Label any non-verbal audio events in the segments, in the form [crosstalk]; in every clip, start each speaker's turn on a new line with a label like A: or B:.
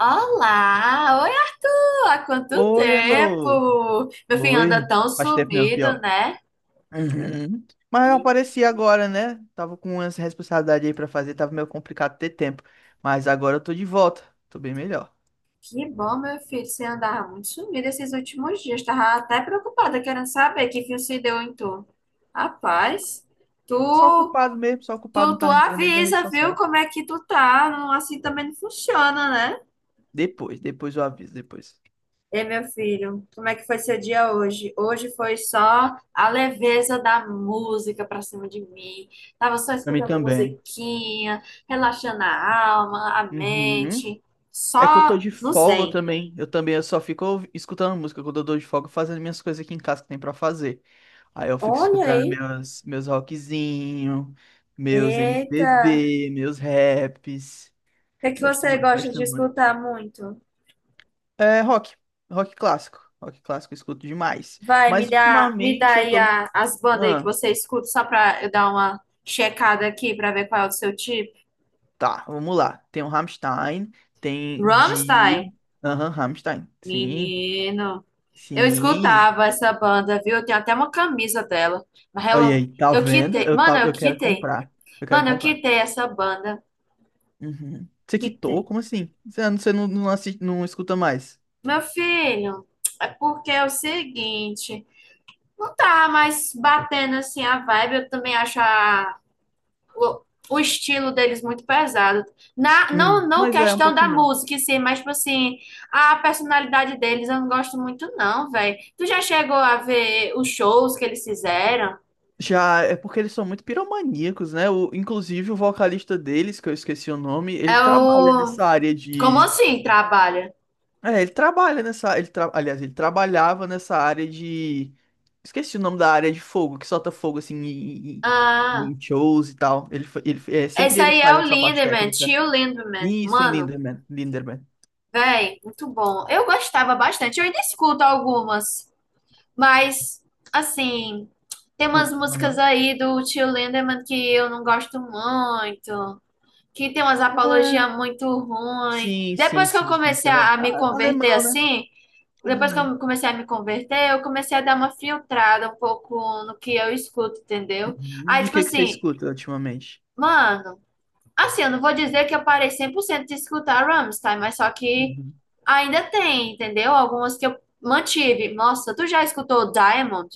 A: Olá! Oi, alô, há quanto
B: Oi, Elô.
A: tempo? Meu filho anda
B: Oi.
A: tão
B: Faz tempo não,
A: sumido,
B: pior.
A: né?
B: Uhum. Mas eu apareci agora, né? Tava com umas responsabilidades aí pra fazer, tava meio complicado ter tempo. Mas agora eu tô de volta. Tô bem melhor.
A: Que bom, meu filho, você andava muito sumido esses últimos dias. Tava até preocupada, querendo saber que fim se deu em tu.
B: Não,
A: Rapaz,
B: só
A: tu,
B: ocupado mesmo, só ocupado
A: tu,
B: não
A: tu
B: tá entrando nem nas redes
A: avisa, viu?
B: sociais.
A: Como é que tu tá? Não, assim também não funciona, né?
B: Depois eu aviso, depois.
A: Ei, meu filho, como é que foi seu dia hoje? Hoje foi só a leveza da música pra cima de mim. Tava só
B: Pra mim
A: escutando
B: também.
A: musiquinha, relaxando a alma, a
B: Uhum.
A: mente,
B: É que eu tô
A: só
B: de
A: no
B: folga
A: zen.
B: também. Eu também eu só fico escutando música quando eu tô de folga, fazendo minhas coisas aqui em casa que tem pra fazer. Aí eu fico
A: Olha
B: escutando
A: aí.
B: meus rockzinho, meus
A: Eita,
B: MPB, meus raps.
A: o que é que
B: Gosto
A: você
B: muito,
A: gosta
B: gosto
A: de
B: muito.
A: escutar muito?
B: É rock, rock clássico. Rock clássico eu escuto demais.
A: Vai, me
B: Mas
A: dá, me dá
B: ultimamente eu
A: aí
B: tô.
A: as bandas aí que
B: Ah,
A: você escuta, só pra eu dar uma checada aqui pra ver qual é o seu tipo.
B: tá, vamos lá. Tem o Rammstein, tem
A: Rammstein?
B: Dio. Aham, Rammstein. Sim,
A: Menino. Eu
B: sim.
A: escutava essa banda, viu? Eu tenho até uma camisa dela. Mas
B: Olha
A: eu,
B: aí, tá
A: eu
B: vendo?
A: quitei.
B: Eu,
A: Mano,
B: tá,
A: eu
B: eu quero
A: quitei.
B: comprar. Eu quero
A: Mano, eu
B: comprar.
A: quitei essa banda.
B: Uhum. Você quitou?
A: Quitei.
B: Como assim? Você, assiste, não escuta mais?
A: Meu filho, é porque é o seguinte, não tá mais batendo assim a vibe. Eu também acho o, o estilo deles muito pesado.
B: Hum.
A: Não
B: Mas é um
A: questão da
B: pouquinho mesmo.
A: música, sim, mas tipo assim, a personalidade deles eu não gosto muito, não, velho. Tu já chegou a ver os shows que eles fizeram?
B: Já é porque eles são muito piromaníacos, né? O, inclusive o vocalista deles, que eu esqueci o nome, ele
A: É
B: trabalha
A: o.
B: nessa área
A: Como
B: de.
A: assim trabalha?
B: É, ele trabalha nessa. Aliás, ele trabalhava nessa área de. Esqueci o nome da área de fogo, que solta fogo assim em,
A: Ah,
B: em shows e tal. É
A: esse
B: sempre ele
A: aí
B: que
A: é
B: faz
A: o
B: essa parte
A: Lindemann,
B: técnica.
A: Tio Lindemann.
B: Isso, em
A: Mano,
B: Linderman. Linderman.
A: véi, muito bom. Eu gostava bastante, eu ainda escuto algumas, mas, assim, tem
B: Ah,
A: umas músicas
B: aham.
A: aí do Tio Lindemann que eu não gosto muito, que tem umas
B: É,
A: apologias muito ruins.
B: sim, sim,
A: Depois que eu
B: sim, sim.
A: comecei
B: Tá vendo?
A: a me
B: Ah,
A: converter
B: alemão, né?
A: assim, depois que
B: Alemão.
A: eu comecei a me converter, eu comecei a dar uma filtrada um pouco no que eu escuto, entendeu?
B: Uhum.
A: Aí,
B: E o
A: tipo
B: que que você
A: assim,
B: escuta ultimamente?
A: mano. Assim, eu não vou dizer que eu parei 100% de escutar Rammstein, mas só que
B: Uhum.
A: ainda tem, entendeu? Algumas que eu mantive. Nossa, tu já escutou Diamond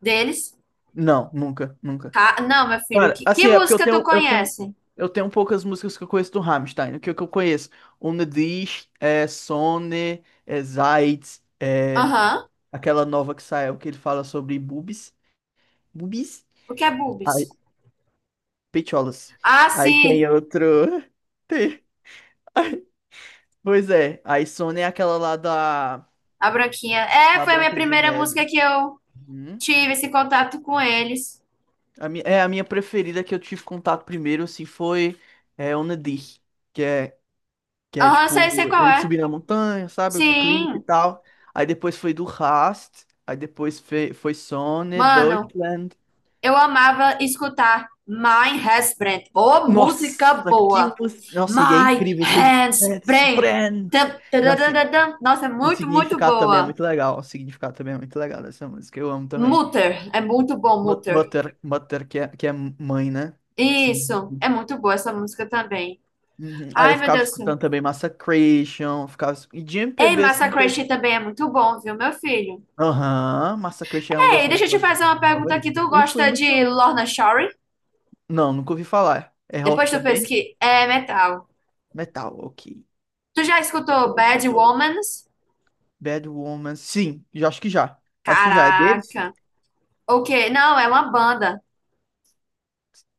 A: deles?
B: Não, nunca, nunca.
A: Não, meu filho,
B: Cara,
A: que
B: assim, é porque eu
A: música tu
B: tenho, eu tenho,
A: conhece?
B: eu tenho poucas músicas que eu conheço do Rammstein. O que, que eu conheço? Ohne dich, é, Sonne, é, Zeit, é,
A: Aham.
B: aquela nova que saiu que ele fala sobre boobies. Boobies?
A: O que é Boobs?
B: Aí, pecholas.
A: Ah,
B: Aí
A: sim,
B: tem outro. [laughs] Pois é, a Sônia é aquela lá
A: a Branquinha. É,
B: da
A: foi a minha
B: Branca de
A: primeira música
B: Neve.
A: que eu
B: Uhum.
A: tive esse contato com eles.
B: É a minha preferida que eu tive contato primeiro, assim, foi é, Onadir, que é, que é
A: Aham, sei, sei
B: tipo,
A: qual
B: ele
A: é.
B: subir na montanha, sabe, com o clipe e
A: Sim.
B: tal. Aí depois foi do Rast, aí depois foi, foi Sônia,
A: Mano,
B: Deutschland.
A: eu amava escutar My Husband. Ô, música
B: Nossa, que
A: boa!
B: música! Nossa, e é
A: My
B: incrível, assim, Let's
A: Husband.
B: Brand!
A: Tam,
B: Nossa, e
A: tararararam. Nossa, é
B: o
A: muito
B: significado também é
A: boa.
B: muito legal, o significado também é muito legal dessa música, eu amo também.
A: Mutter. É muito bom, Mutter.
B: Mother motor que é mãe, né? Sim.
A: Isso. É muito boa essa música também.
B: Uhum. Aí eu
A: Ai, meu
B: ficava
A: Deus do céu.
B: escutando também Massacration, e de
A: Ei,
B: MPB, assim, que eu...
A: Massacration também é muito bom, viu, meu filho?
B: Aham, Massacration é uma das
A: Ei,
B: minhas
A: deixa eu te
B: bandas
A: fazer uma pergunta
B: favoritas.
A: aqui. Tu
B: Eu fui
A: gosta
B: no
A: de
B: show.
A: Lorna Shore?
B: Não, nunca ouvi falar. É rock
A: Depois tu
B: também?
A: pesquisa. É metal.
B: Metal, ok.
A: Tu já escutou
B: Metal,
A: Bad
B: metal.
A: Womans?
B: Bad Woman, sim, já acho que já. Acho que já é deles.
A: Caraca. O quê? Não, é uma banda.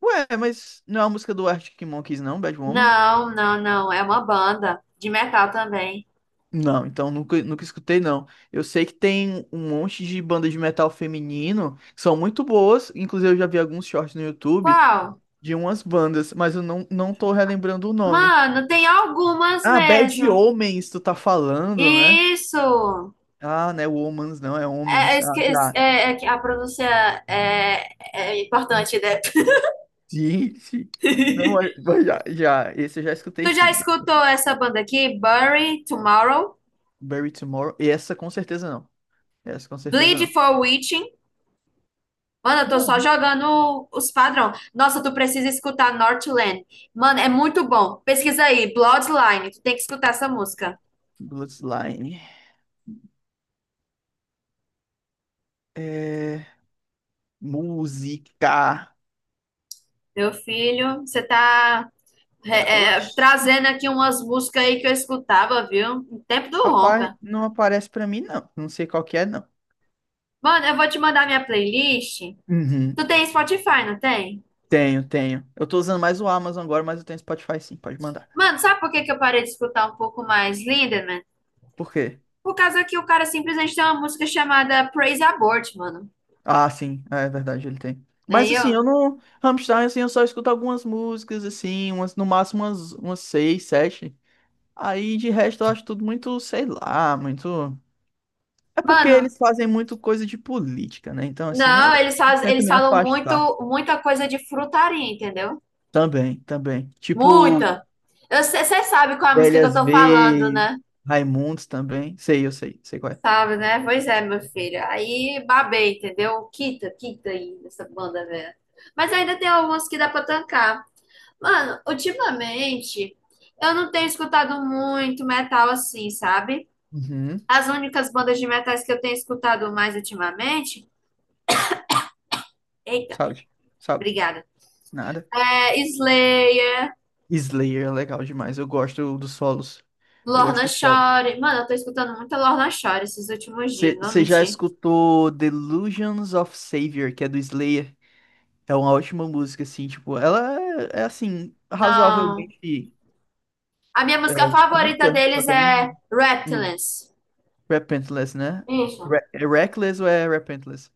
B: Ué, mas não é a música do Arctic Monkeys, não, Bad Woman?
A: Não. É uma banda de metal também.
B: Não, então nunca, nunca escutei, não. Eu sei que tem um monte de bandas de metal feminino que são muito boas. Inclusive, eu já vi alguns shorts no YouTube
A: Qual?
B: de umas bandas, mas eu não, não tô relembrando o nome.
A: Mano, tem algumas
B: Ah, Bad
A: mesmo.
B: Omens, tu tá falando, né?
A: Isso!
B: Ah, não é Womans, não, é
A: É, é,
B: Homens. Ah,
A: esque-
B: já.
A: é que a pronúncia é, é importante, né?
B: Sim, sim. Não, mas
A: [laughs]
B: [laughs] mas já, já. Esse eu já escutei
A: Tu já
B: sim. Já.
A: escutou essa banda aqui? Bury Tomorrow?
B: Bury Tomorrow. E essa com certeza não. Essa com certeza
A: Bleed
B: não.
A: for Witching? Mano, eu tô só
B: Não.
A: jogando os padrão. Nossa, tu precisa escutar Northland. Mano, é muito bom. Pesquisa aí, Bloodline. Tu tem que escutar essa música.
B: Bloodline. É... música.
A: Meu filho, você tá trazendo aqui umas músicas aí que eu escutava, viu? No tempo do
B: Rapaz,
A: Ronca.
B: não aparece pra mim, não. Não sei qual que é, não.
A: Mano, eu vou te mandar minha playlist.
B: Uhum.
A: Tu tem Spotify, não tem?
B: Tenho, tenho. Eu tô usando mais o Amazon agora, mas eu tenho Spotify sim, pode mandar.
A: Mano, sabe por que que eu parei de escutar um pouco mais Lindemann?
B: Por quê?
A: Por causa que o cara simplesmente tem uma música chamada Praise Abort, mano.
B: Ah, sim, é verdade, ele tem. Mas
A: Aí
B: assim, eu
A: eu?
B: não. Rammstein, assim, eu só escuto algumas músicas, assim, umas, no máximo umas seis, sete. Aí de resto eu acho tudo muito, sei lá, muito. É porque
A: Mano,
B: eles fazem muito coisa de política, né? Então, assim,
A: não,
B: é... eu tento
A: eles
B: me
A: falam muito,
B: afastar.
A: muita coisa de frutaria, entendeu?
B: Também, também. Tipo,
A: Muita. Você sabe qual é a música que eu
B: Velhas
A: tô falando,
B: V,
A: né?
B: Raimundos também. Sei, eu sei, sei qual é.
A: Sabe, né? Pois é, meu filho. Aí babei, entendeu? Quita aí nessa banda velha. Mas ainda tem algumas que dá pra tancar. Mano, ultimamente eu não tenho escutado muito metal assim, sabe?
B: Uhum.
A: As únicas bandas de metais que eu tenho escutado mais ultimamente. Eita,
B: Sabe, sabe.
A: obrigada.
B: Nada.
A: É Slayer,
B: Slayer é legal demais. Eu gosto dos solos. Eu gosto
A: Lorna
B: dos solos.
A: Shore. Mano, eu tô escutando muita Lorna Shore esses últimos dias, não vou
B: Você já
A: mentir.
B: escutou Delusions of Savior, que é do Slayer? É uma ótima música, assim, tipo, ela é, é, assim,
A: Não.
B: razoavelmente
A: A minha
B: é,
A: música favorita
B: curta, só
A: deles
B: tem
A: é
B: um. Um
A: Reptilance.
B: Repentless, né?
A: Isso.
B: É Reckless ou é Repentless?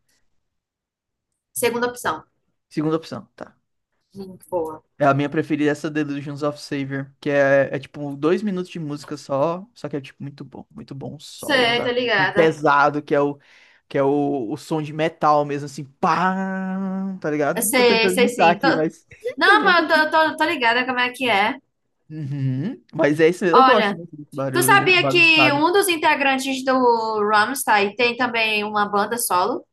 A: Segunda opção.
B: Segunda opção, tá.
A: Boa.
B: É a minha preferida, é essa Delusions of Savior, que é, é tipo dois minutos de música só, só que é tipo muito bom, os solos,
A: Sei, tô
B: ah,
A: ligada.
B: pesado, que é o som de metal mesmo, assim, pá, tá
A: Eu
B: ligado? Tô
A: sei,
B: tentando
A: sei
B: imitar
A: sim.
B: aqui, mas [laughs] tô
A: Não,
B: bom.
A: mas eu tô ligada como é que é.
B: Uhum, mas é isso mesmo, eu gosto
A: Olha,
B: muito desse
A: tu
B: barulho
A: sabia que
B: bagunçado.
A: um dos integrantes do Rammstein tem também uma banda solo?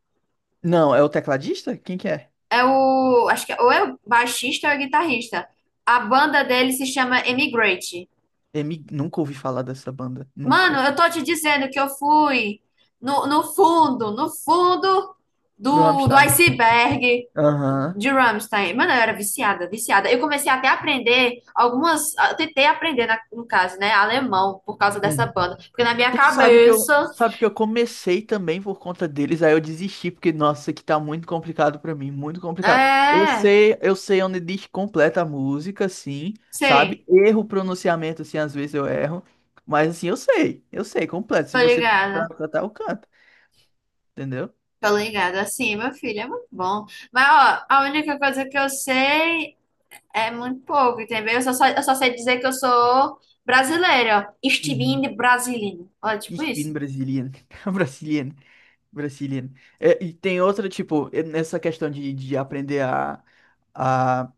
B: Não, é o tecladista? Quem que é?
A: É o, acho que ou é o baixista ou é o guitarrista. A banda dele se chama Emigrate.
B: M nunca ouvi falar dessa banda,
A: Mano,
B: nunca.
A: eu tô te dizendo que eu fui no fundo, no fundo
B: Do
A: do
B: Rammstein.
A: iceberg
B: Aham.
A: de Rammstein. Mano, eu era viciada. Eu comecei até a aprender algumas. Eu tentei aprender, no caso, né? Alemão, por causa dessa
B: Uhum.
A: banda. Porque na minha
B: Tu
A: cabeça.
B: sabe que eu comecei também por conta deles, aí eu desisti, porque, nossa, isso aqui tá muito complicado pra mim, muito complicado.
A: É,
B: Eu sei onde diz completa a música, sim, sabe?
A: sei,
B: Erro o pronunciamento, assim, às vezes eu erro, mas assim, eu sei, completo. Se
A: tô
B: você pedir pra
A: ligada.
B: eu cantar, eu canto, entendeu?
A: Tô ligada, assim, meu filho, é muito bom. Mas, ó, a única coisa que eu sei é muito pouco, entendeu? Eu só sei dizer que eu sou brasileira.
B: Uhum.
A: Estilingue brasileiro. Olha, tipo
B: Ich bin
A: isso.
B: Brasilian, [laughs] Brasilian, Brasilian. É, e tem outra, tipo, é nessa questão de aprender a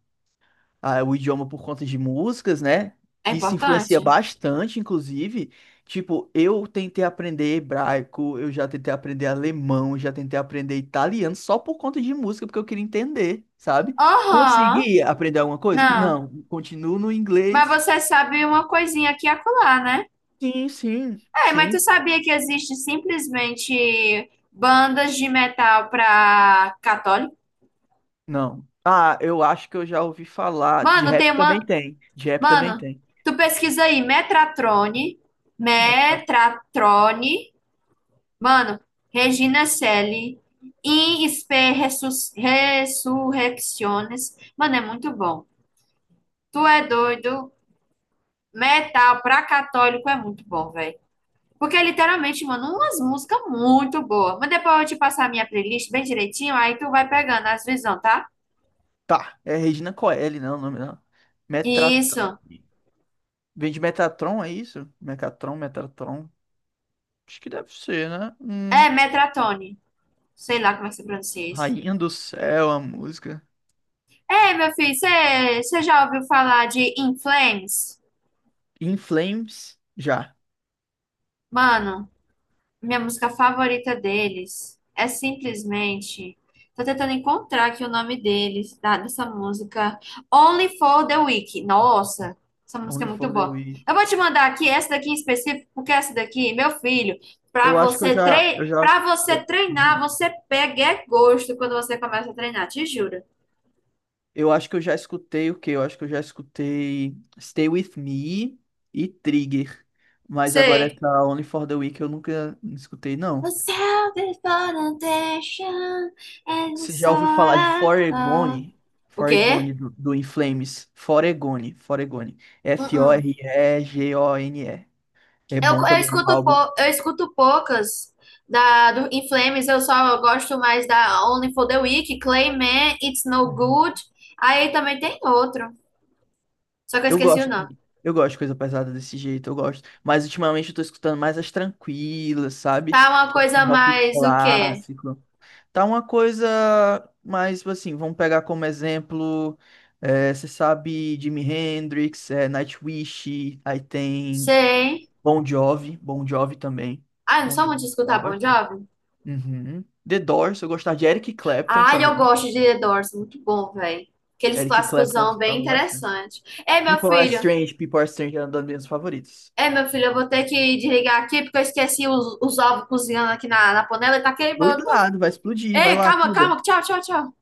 B: ah, o idioma por conta de músicas, né?
A: É
B: Que se influencia
A: importante?
B: bastante, inclusive. Tipo, eu tentei aprender hebraico, eu já tentei aprender alemão, já tentei aprender italiano só por conta de música, porque eu queria entender, sabe?
A: Aham.
B: Consegui aprender alguma coisa?
A: Não.
B: Não, continuo no
A: Mas
B: inglês.
A: você
B: [laughs]
A: sabe uma coisinha aqui e acolá, né?
B: Sim, sim,
A: É, mas tu
B: sim.
A: sabia que existe simplesmente bandas de metal pra católico?
B: Não. Ah, eu acho que eu já ouvi falar. De
A: Mano,
B: rap
A: tem
B: também
A: uma...
B: tem. De rap também
A: Mano,
B: tem.
A: tu pesquisa aí. Metratrone.
B: Metra-
A: Metratrone. Mano, Regina Celi, In Spe Resurrecciones. Mano, é muito bom. Tu é doido. Metal pra católico é muito bom, velho. Porque é literalmente, mano, umas músicas muito boas. Mas depois eu te passar a minha playlist bem direitinho, aí tu vai pegando as visão, tá?
B: Tá, é Regina Coeli, não, o nome não.
A: Isso.
B: Metratrone. Vem de Metatron, é isso? Mecatron, Metatron. Acho que deve ser, né?
A: É Metratone. Sei lá como é que se pronuncia isso.
B: Rainha do Céu, a música.
A: É meu filho, você já ouviu falar de In Flames?
B: In Flames, já.
A: Mano. Minha música favorita deles é simplesmente. Tô tentando encontrar aqui o nome deles, tá? Dessa música. Only for the Week. Nossa, essa música é
B: Only
A: muito
B: for the
A: boa. Eu
B: Weak.
A: vou te mandar aqui essa daqui em específico, porque essa daqui, meu filho, pra
B: Eu acho que eu
A: você
B: já, eu já,
A: para você
B: eu,
A: treinar,
B: Uhum.
A: você pega é gosto quando você começa a treinar, te juro.
B: Eu acho que eu já escutei o quê? Eu acho que eu já escutei Stay With Me e Trigger. Mas agora
A: Sei.
B: essa Only for the Weak eu nunca escutei,
A: The
B: não.
A: self-determination and the
B: Você já ouviu falar de
A: soul.
B: Foregone?
A: O quê?
B: Foregone do In Flames. Foregone, Foregone.
A: Uh-uh.
B: Foregone. É
A: Eu,
B: bom
A: eu
B: também é um
A: escuto,
B: álbum.
A: eu escuto poucas do In Flames, eu só gosto mais da Only for the Weak, Clayman, It's No
B: Uhum.
A: Good. Aí também tem outro, só que eu
B: Eu
A: esqueci o
B: gosto,
A: nome.
B: assim, eu gosto de coisa pesada desse jeito, eu gosto. Mas ultimamente eu tô escutando mais as tranquilas, sabe?
A: Tá uma
B: Que é assim,
A: coisa
B: rock
A: mais o quê?
B: clássico. Tá uma coisa mais, tipo assim, vamos pegar como exemplo, eh, você sabe Jimi Hendrix, eh, Nightwish, aí tem
A: Sei.
B: Bon Jovi, Bon Jovi também.
A: Ah, eu não
B: Bon
A: sou
B: Jovi,
A: muito de
B: eu gostava
A: escutar Bon
B: bastante.
A: Jovi?
B: Uhum. The Doors, eu gostava de Eric Clapton
A: Ah, eu
B: também.
A: gosto de The Doors, muito bom, velho. Aqueles
B: Eric Clapton eu
A: clássicosão bem
B: escutava bastante.
A: interessante. Ei, meu
B: People Are
A: filho,
B: Strange, People Are Strange era uma das minhas favoritas.
A: ei, meu filho, eu vou ter que desligar aqui porque eu esqueci os ovos cozinhando aqui na panela e tá queimando.
B: Cuidado, vai explodir, vai
A: Ei,
B: lá,
A: calma,
B: cuida.
A: calma, tchau, tchau, tchau.